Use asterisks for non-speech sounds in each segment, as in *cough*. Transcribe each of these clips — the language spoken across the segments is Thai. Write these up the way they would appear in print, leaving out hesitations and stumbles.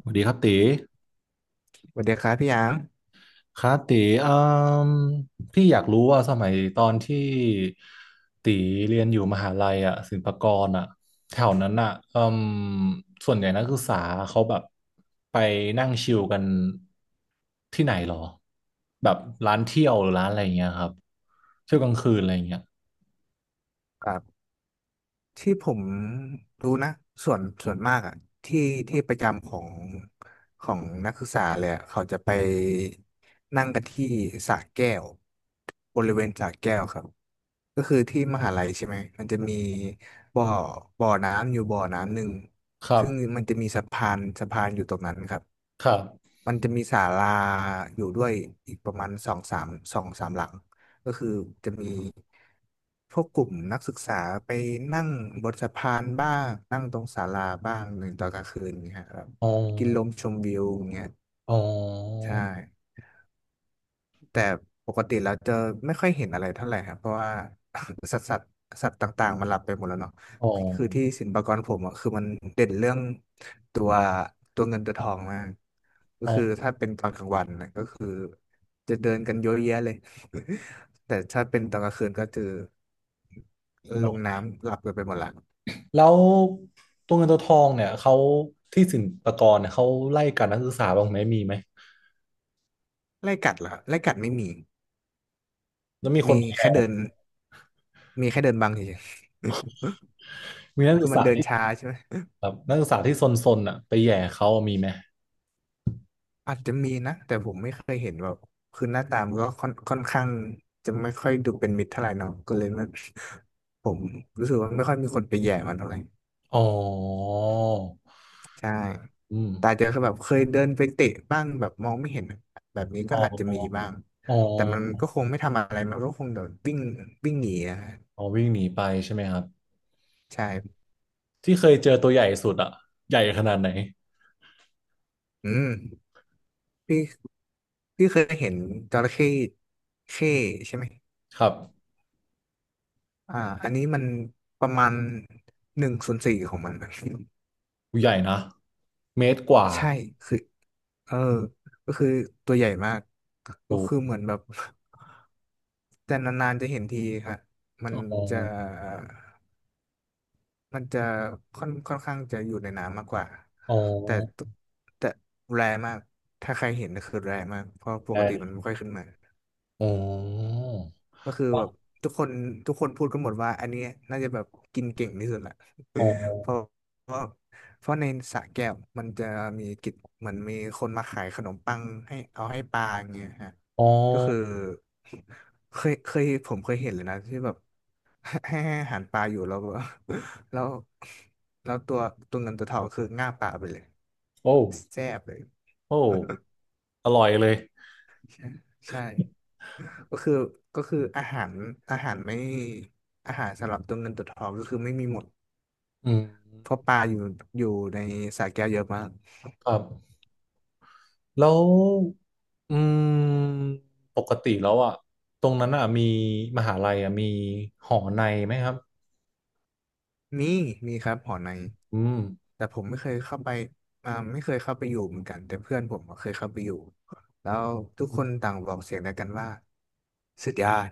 สวัสดีครับตีสวัสดีครับพี่ยางครับตีอืมพี่อยากรู้ว่าสมัยตอนที่ตีเรียนอยู่มหาลัยอ่ะศิลปากรอ่ะแถวนั้นอ่ะอืมส่วนใหญ่นักศึกษาเขาแบบไปนั่งชิลกันที่ไหนหรอแบบร้านเที่ยวหรือร้านอะไรอย่างเงี้ยครับเที่ยวกลางคืนอะไรอย่างเงี้ยครับที่ผมรู้นะส่วนมากอ่ะที่ที่ประจำของนักศึกษาเลยอะเขาจะไปนั่งกันที่สระแก้วบริเวณสระแก้วครับก็คือที่มหาลัยใช่ไหมมันจะมีบ่อบ่อน้ำอยู่บ่อน้ำหนึ่งครัซึ่งบมันจะมีสะพานอยู่ตรงนั้นครับ ครับมันจะมีศาลาอยู่ด้วยอีกประมาณสองสามหลังก็คือจะมีพวกกลุ่มนักศึกษาไปนั่งบนสะพานบ้างนั่งตรงศาลาบ้างหนึ่งตอนกลางคืนเงี้ยครับอ๋อกินลมชมวิวเงี้ยอ๋อใช่ แต่ปกติเราจะไม่ค่อยเห็นอะไรเท่าไหร่ครับเพราะว่า *coughs* *laughs* สัตว์สัตว์สัตว์ต่างๆมันหลับไปหมดแล้วเนาะอ๋คืออที่ศิลปากรผมอ่ะคือมันเด่นเรื่องตัวตัวเงินตัวทองมากก็คืออ๋ถ้าเป็นตอนกลางวันนะก็คือจะเดินกันเยอะแยะเลย *laughs* แต่ถ้าเป็นตอนกลางคืนก็คือลงอ น้ำหลับกันไปหมดละแล้วตัวเงินตัวทองเนี่ยเขาที่ศิลปากรเนี่ยเขาไล่กัดนักศึกษาบ้างไหมมีไหมไล่กัดเหรอไล่กัดไม่มีแล้วมีคมีนแค่เดินมีแค่เดินบังเฉยมีๆ นัก *laughs* คืศึอกมันษาเดินที่ช้าใช่ไหม แบบนักศึกษาที่ซนๆอ่ะไปแหย่เขามีไหมอาจจะมีนะแต่ผมไม่เคยเห็นแบบคือหน้าตามนก็ค่อนข้างจะไม่ค่อยดูเป็นมิตรเท่าไหร่เนาะก็เลยมันผมรู้สึกว่าไม่ค่อยมีคนไปแย่มันเท่าไหร่อ๋อใช่อืมแต่อาจจะแบบเคยเดินไปเตะบ้างแบบมองไม่เห็นแบบนี้ก็อ๋อาจจะมีอบ้างอ๋อแต่มันก็คงไม่ทำอะไรมันก็คงเดี๋ยววิ่งวิ่งหนีอะอ๋อวิ่งหนีไปใช่ไหมครับใช่ที่เคยเจอตัวใหญ่สุดอ่ะใหญ่ขนาดไหนอืมพี่พี่เคยเห็นจระเข้เข้ใช่ไหมครับอ่าอันนี้มันประมาณหนึ่งส่วนสี่ของมัน ใหญ่นะเมตรกว่าใช่คือเออก็คือตัวใหญ่มากโอก็คือ้เหมือนแบบ *laughs* แต่นานๆจะเห็นทีครับมันอ๋อจะมันจะค่อนข้างจะอยู่ในน้ำมากกว่าอ๋อแต่ตัวแต่แรร์มากถ้าใครเห็นก็คือแรร์มากเพราะปกติมันไไม่ค่อยขึ้นมาอร์ก็คืออ๋อแบบทุกคนทุกคนพูดกันหมดว่าอันเนี้ยน่าจะแบบกินเก่งที่สุดละ อ๋เพอราะเพราะเพราะในสระแก้วมันจะมีกิจเหมือนมีคนมาขายขนมปังให้เอาให้ปลาอย่างเงี้ยฮะอ๋อก็คือเคยเคยผมเคยเห็นเลยนะที่แบบ *laughs* ให้อาหารปลาอยู่แล้วแบบ *laughs* แล้วแล้วตัวเงินตัวทองคือง่าบปลาไปเลยโอ้แซ่บเลย โอ้อร่อยเลย *laughs* ใช่ใช่ก็คือก็คืออาหารอาหารไม่อาหารสำหรับตัวเงินตัวทองก็คือไม่มีหมดอืมเพราะปลาอยู่ในสระแก้วเยอะมาก ครับแล้วอืมปกติแล้วอ่ะตรงนั้นอ่ะมีมหาลัยอ่ะมีหอในไหมครับมีมีครับหอในอืมแต่ผมไม่เคยเข้าไปไม่เคยเข้าไปอยู่เหมือนกันแต่เพื่อนผมก็เคยเข้าไปอยู่แล้วทุกคนต่างบอกเสียงเดียวกันว่าสุดยอด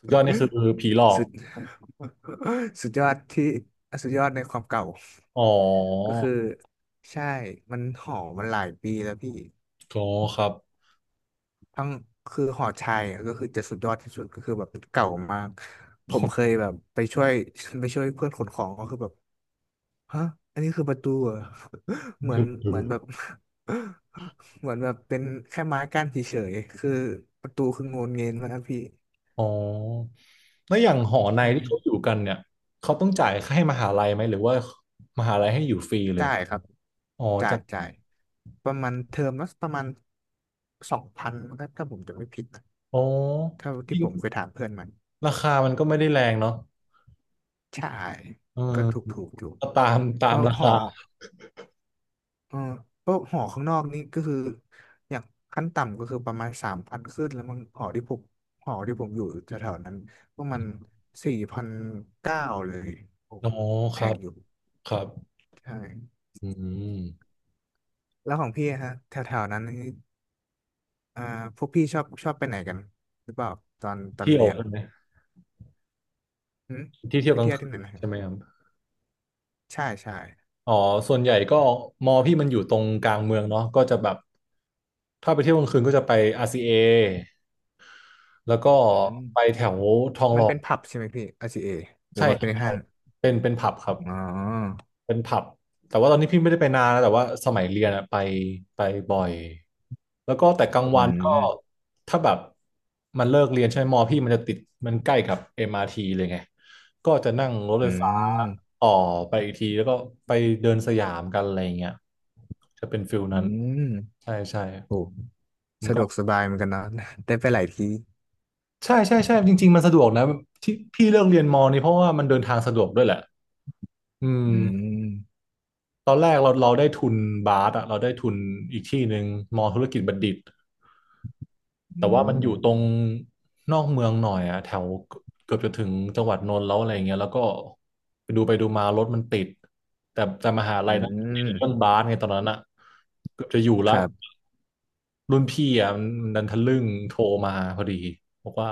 สุดยอดนี่คือผีหลอ *laughs* กสุด *laughs* สุดยอดที่สุดยอดในความเก่าอ๋อก็คือใช่มันหอมันหลายปีแล้วพี่ก็ครับ ทั้งคือหอชัยอะก็คือจะสุดยอดที่สุดก็คือแบบเก่ามากผมเคยแบ *laughs* บไปช่วย *laughs* ไปช่วยเพื่อนขนของก็คือแบบ ฮะอันนี้คือประตูเหรอ *laughs* นี่คืเหอมือนแบบ *laughs* เหมือนแบบเป็นแค่ไม้กั้นเฉยๆคือประตูคืองนเงินมานะพี่ อ๋อแล้วอย่างหอในใช่ที่เขาอยู่กันเนี่ยเขาต้องจ่ายค่าให้มหาลัยไหมหรือว่ามหาลัยให้อยู่ฟรีเลยจ่ายครับอ๋อจ่าจ้ะยจ่าย ประมาณเทอมละประมาณ2,000ถ้าผมจะไม่ผิดนะอ๋อเท่าจที่ริผงมเคยถามเพื่อนมันราคามันก็ไม่ได้แรงเนาะใช่ เออก็ถูกอยู่ก็ตามตาเพมราะราหคา อ เออพวกหอข้างนอกนี่ก็คืออย่างขั้นต่ำก็คือประมาณ3,000ขึ้นแล้วมันหอที่ผมอยู่แถวๆนั้นก็มัน4,900เลยโอ้อ๋อแพครังบอยู่ครับใช่อืมแล้วของพี่อะฮะแถวๆนั้นนี่อ่าพวกพี่ชอบไปไหนกันหรือเปล่าตอนเที่ยวเรียนใช่ไหมหืมที่เที่ยไปวกลางเที่ยวคืที่นไหนนะฮะใช่ไหมครับใช่ใช่อ๋อส่วนใหญ่ก็มอพี่มันอยู่ตรงกลางเมืองเนาะก็จะแบบถ้าไปเที่ยวกลางคืนก็จะไป RCA แล้วก็อืไปมแถวทองหมัล่นอเป็นผับใช่ไหมพี่ r เ a หรือใช่มันครัเป็บนใช่ห้างเป็นผับครับ อ๋อเป็นผับแต่ว่าตอนนี้พี่ไม่ได้ไปนานนะแต่ว่าสมัยเรียนอะไปไปบ่อยแล้วก็แต่กลางอืวันก็มถ้าแบบมันเลิกเรียนใช่ไหมมอพี่มันจะติดมันใกล้กับ MRT เลยไงก็จะนั่งรถไฟอืฟ้ามต่อไปอีกทีแล้วก็ไปเดินสยามกันอะไรอย่างเงี้ยจะเป็นฟิลอืนั้นมใช่ใช่โอ้ มันสะดก็วกสบายเหมือนกันเนาะ *laughs* ได้ไปหลายที่ใช่ใช่ใช่จริงๆมันสะดวกนะที่พี่เลือกเรียนมอนี่เพราะว่ามันเดินทางสะดวกด้วยแหละอืม อืมตอนแรกเราได้ทุนบาสอะเราได้ทุนอีกที่หนึ่งมอธุรกิจบัณฑิตอืแต่ว่ามันอมยู่ตรงนอกเมืองหน่อยอะแถวเกือบจะถึงจังหวัดนนท์แล้วอะไรเงี้ยแล้วก็ไปดูมารถมันติดแต่มหาลัอืยนนเรื่องมบาสไงตอนนั้นอะเกือบจะอยู่ละ ครับรุ่นพี่อ่ะมันดันทะลึ่งโทรมาพอดีบอกว่า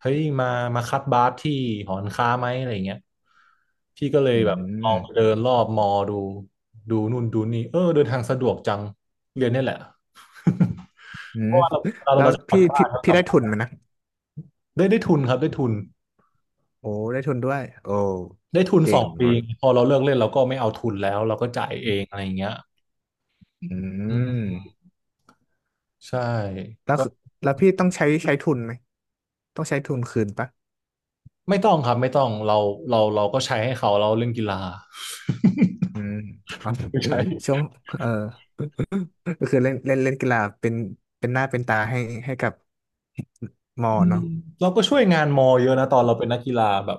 เฮ้ยมาคัดบาสที่หอการค้าไหมอะไรเงี้ยพี่ก็เลยอืแบบลองไปเดิมนรอบมอดูดูนู่นดูนี่เออเดินทางสะดวกจังเรียนเนี่ยแหละ *laughs* อืเพมราะว่าเราเราแล้วเราจะกลับบ้านเรากพี่ลับได้บ้าทุนไหมนนะได้ได้ทุนครับได้ทุนโอ้ได้ทุนด้วยโอ้ได้ทุนเก่สองงปีวะพอเราเลิกเล่นเราก็ไม่เอาทุนแล้วเราก็จ่ายเองอะไรอย่างเงี้ยอือืมมใช่แล้วก็คือแล้วพี่ต้องใช้ทุนไหมต้องใช้ทุนคืนปะไม่ต้องครับไม่ต้องเราเราก็ใช้ให้เขาเราเล่นกีฬา อืม *laughs* ครับ *laughs* ไม่ใช่ *laughs* ช่วงเออก็คือเล่นเล่นเล่นกีฬาเป็นหน้าเป็นตาให้กับมออืมเนาะเราก็ช่วยงานมอเยอะนะตอนเราเป็นนักกีฬาแบบ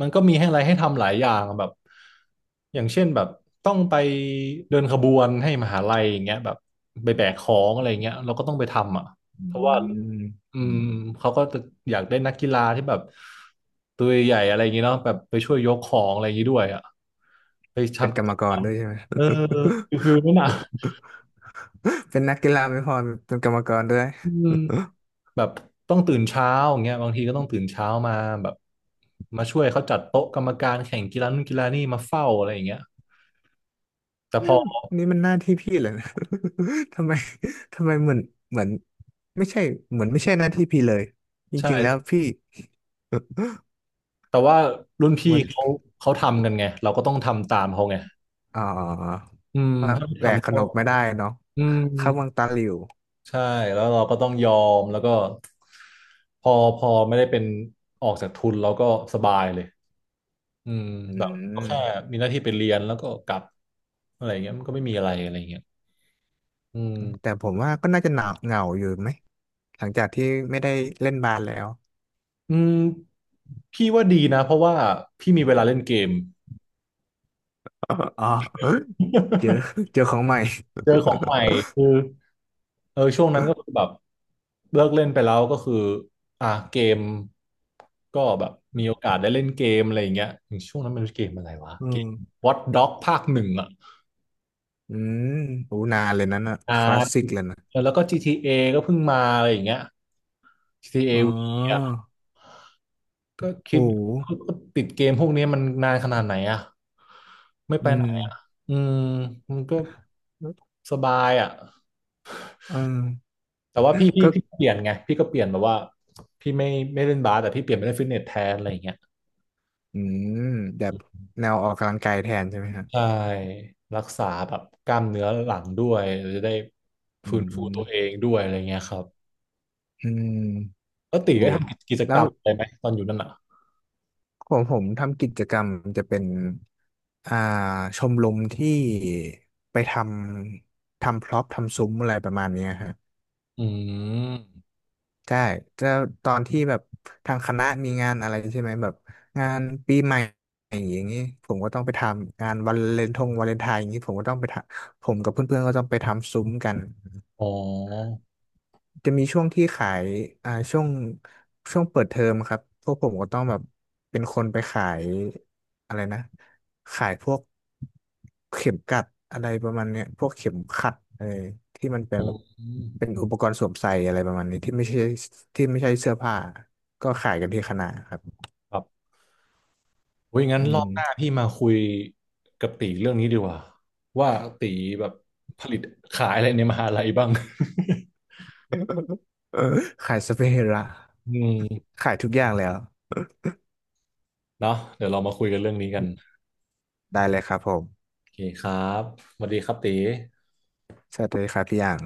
มันก็มีให้อะไรให้ทำหลายอย่างแบบอย่างเช่นแบบต้องไปเดินขบวนให้มหาลัยอย่างเงี้ยแบบไปแบกของอะไรเงี้ยเราก็ต้องไปทำอ่ะอืเพราะว่ามอืมเขาก็จะอยากได้นักกีฬาที่แบบตัวใหญ่อะไรอย่างเงี้ยเนาะแบบไปช่วยยกของอะไรอย่างงี้ด้วยอ่ะไปเป็นทำกกิรรจมกกรรรมด้วยใช่ไหม เออ *laughs* ฟิลนั้นอ่ะเป็นนักกีฬาไม่พอเป็นกรรมกรด้วย อืม แบบต้องตื่นเช้าอย่างเงี้ยบางทีก็ต้องตื่นเช้ามาแบบมาช่วยเขาจัดโต๊ะกรรมการแข่งกีฬานู่นกีฬานี่มาเฝ้าอะไรอย่างเงี้ยแต่พอ *laughs* นี่มันหน้าที่พี่เหรอนะ *laughs* ทำไม *laughs* ทำไมเหมือนไม่ใช่เหมือนไม่ใช่หน้าที่พี่เลยจริงๆแล้วใช่พี่แต่ว่ารุ่นพี่มันเขาทำกันไงเราก็ต้องทำตามเขาไงอ๋ออืมว่าถ้าไม่แหวกทำขก็นบไม่ได้เนาะอืมเข้าวังตาหลิวใช่แล้วเราก็ต้องยอมแล้วก็พอไม่ได้เป็นออกจากทุนเราก็สบายเลยอืมอืแบบก็แค่มมีหน้าที่ไปเรียนแล้วก็กลับอะไรอย่างเงี้ยมันก็ไม่มีอะไรอะไรอย่างเงี้ยอืแต่ม ผมว่าก็น่าจะหนาเหงาอยู่ไหมหลังจากที่ไม่ได้เล่นบาสแล้ว อืมพี่ว่าดีนะเพราะว่าพี่มีเวลาเล่นเกม *laughs* อ๋อ *laughs* อ๋อเจอ *laughs* *laughs* เจอของใหม่เจอของใหม่คือเออช่วงนั้นก็คือแบบเลิกเล่นไปแล้วก็คืออ่ะเกมก็แบบมีโอกาสได้เล่นเกมอะไรอย่างเงี้ยอย่างช่วงนั้นมันเกมอะไรวะอืเกมม Watch Dogs ภาคหนึ่งอ่ะอืมโหนานเลยนั้นน่ะอ่คลาสสิกาเลยนะแล้วก็ GTA ก็เพิ่งมาอะไรอย่างเงี้ย อ๋อ GTA V อ่ะก็โห คิดก็ติดเกมพวกนี้มันนานขนาดไหนอ่ะไม่ไปอืไหนมอืมมันก็ สบายอ่ะ เออแต่ว่าพี่พี่ก็พี่เปลี่ยนไงพี่ก็เปลี่ยนแบบว่าพี่ไม่เล่นบาสแต่พี่เปลี่ยนไปเล่นฟิตเนสแทนอะไรอย่างเงี้ยอืมแบบแนวออกกำลังกายแทนใช่ไหมฮะใช่รักษาแบบกล้ามเนื้อหลังด้วยเราจะได้อืฟื้นฟูตัวเอมงด้วยอะไรเงี้ยครับอืมแล้วตีโอ้ได้ทำกิจแล้กรวรมอะไรไหมตอนอยู่นั่นอ่ะของผมทำกิจกรรมจะเป็นอ่าชมรมที่ไปทำพร็อพทำซุ้มอะไรประมาณเนี้ยฮะอืมใช่จะตอนที่แบบทางคณะมีงานอะไรใช่ไหมแบบงานปีใหม่อย่างนี้ผมก็ต้องไปทำงานวันวาเลนไทน์อย่างนี้ผมก็ต้องไปทำผมกับเพื่อนๆก็ต้องไปทำซุ้มกัน อ๋อจะมีช่วงที่ขายอ่าช่วงเปิดเทอมครับพวกผมก็ต้องแบบเป็นคนไปขายอะไรนะขายพวกเข็มกลัดอะไรประมาณเนี้ยพวกเข็มขัดเออที่มันอืมเป็นอุปกรณ์สวมใส่อะไรประมาณนี้ที่ไม่ใช่เสื้อผ้าก็ขายกันที่คณะครับครับโอ้ยงั้นอืรอม บหน้าพี่มาคุยกับตีเรื่องนี้ดีกว่าว่าตีแบบผลิตขายอะไรในมหาลัยบ้าง *laughs* *laughs* เออขายสเปรย์ละอืม ขายทุกอย่างแล้วเนาะเดี๋ยวเรามาคุยกันเรื่องนี้กันได้เลยครับผมโอเคครับสวัสดีครับตีสวัสดีครับพี่อย่าง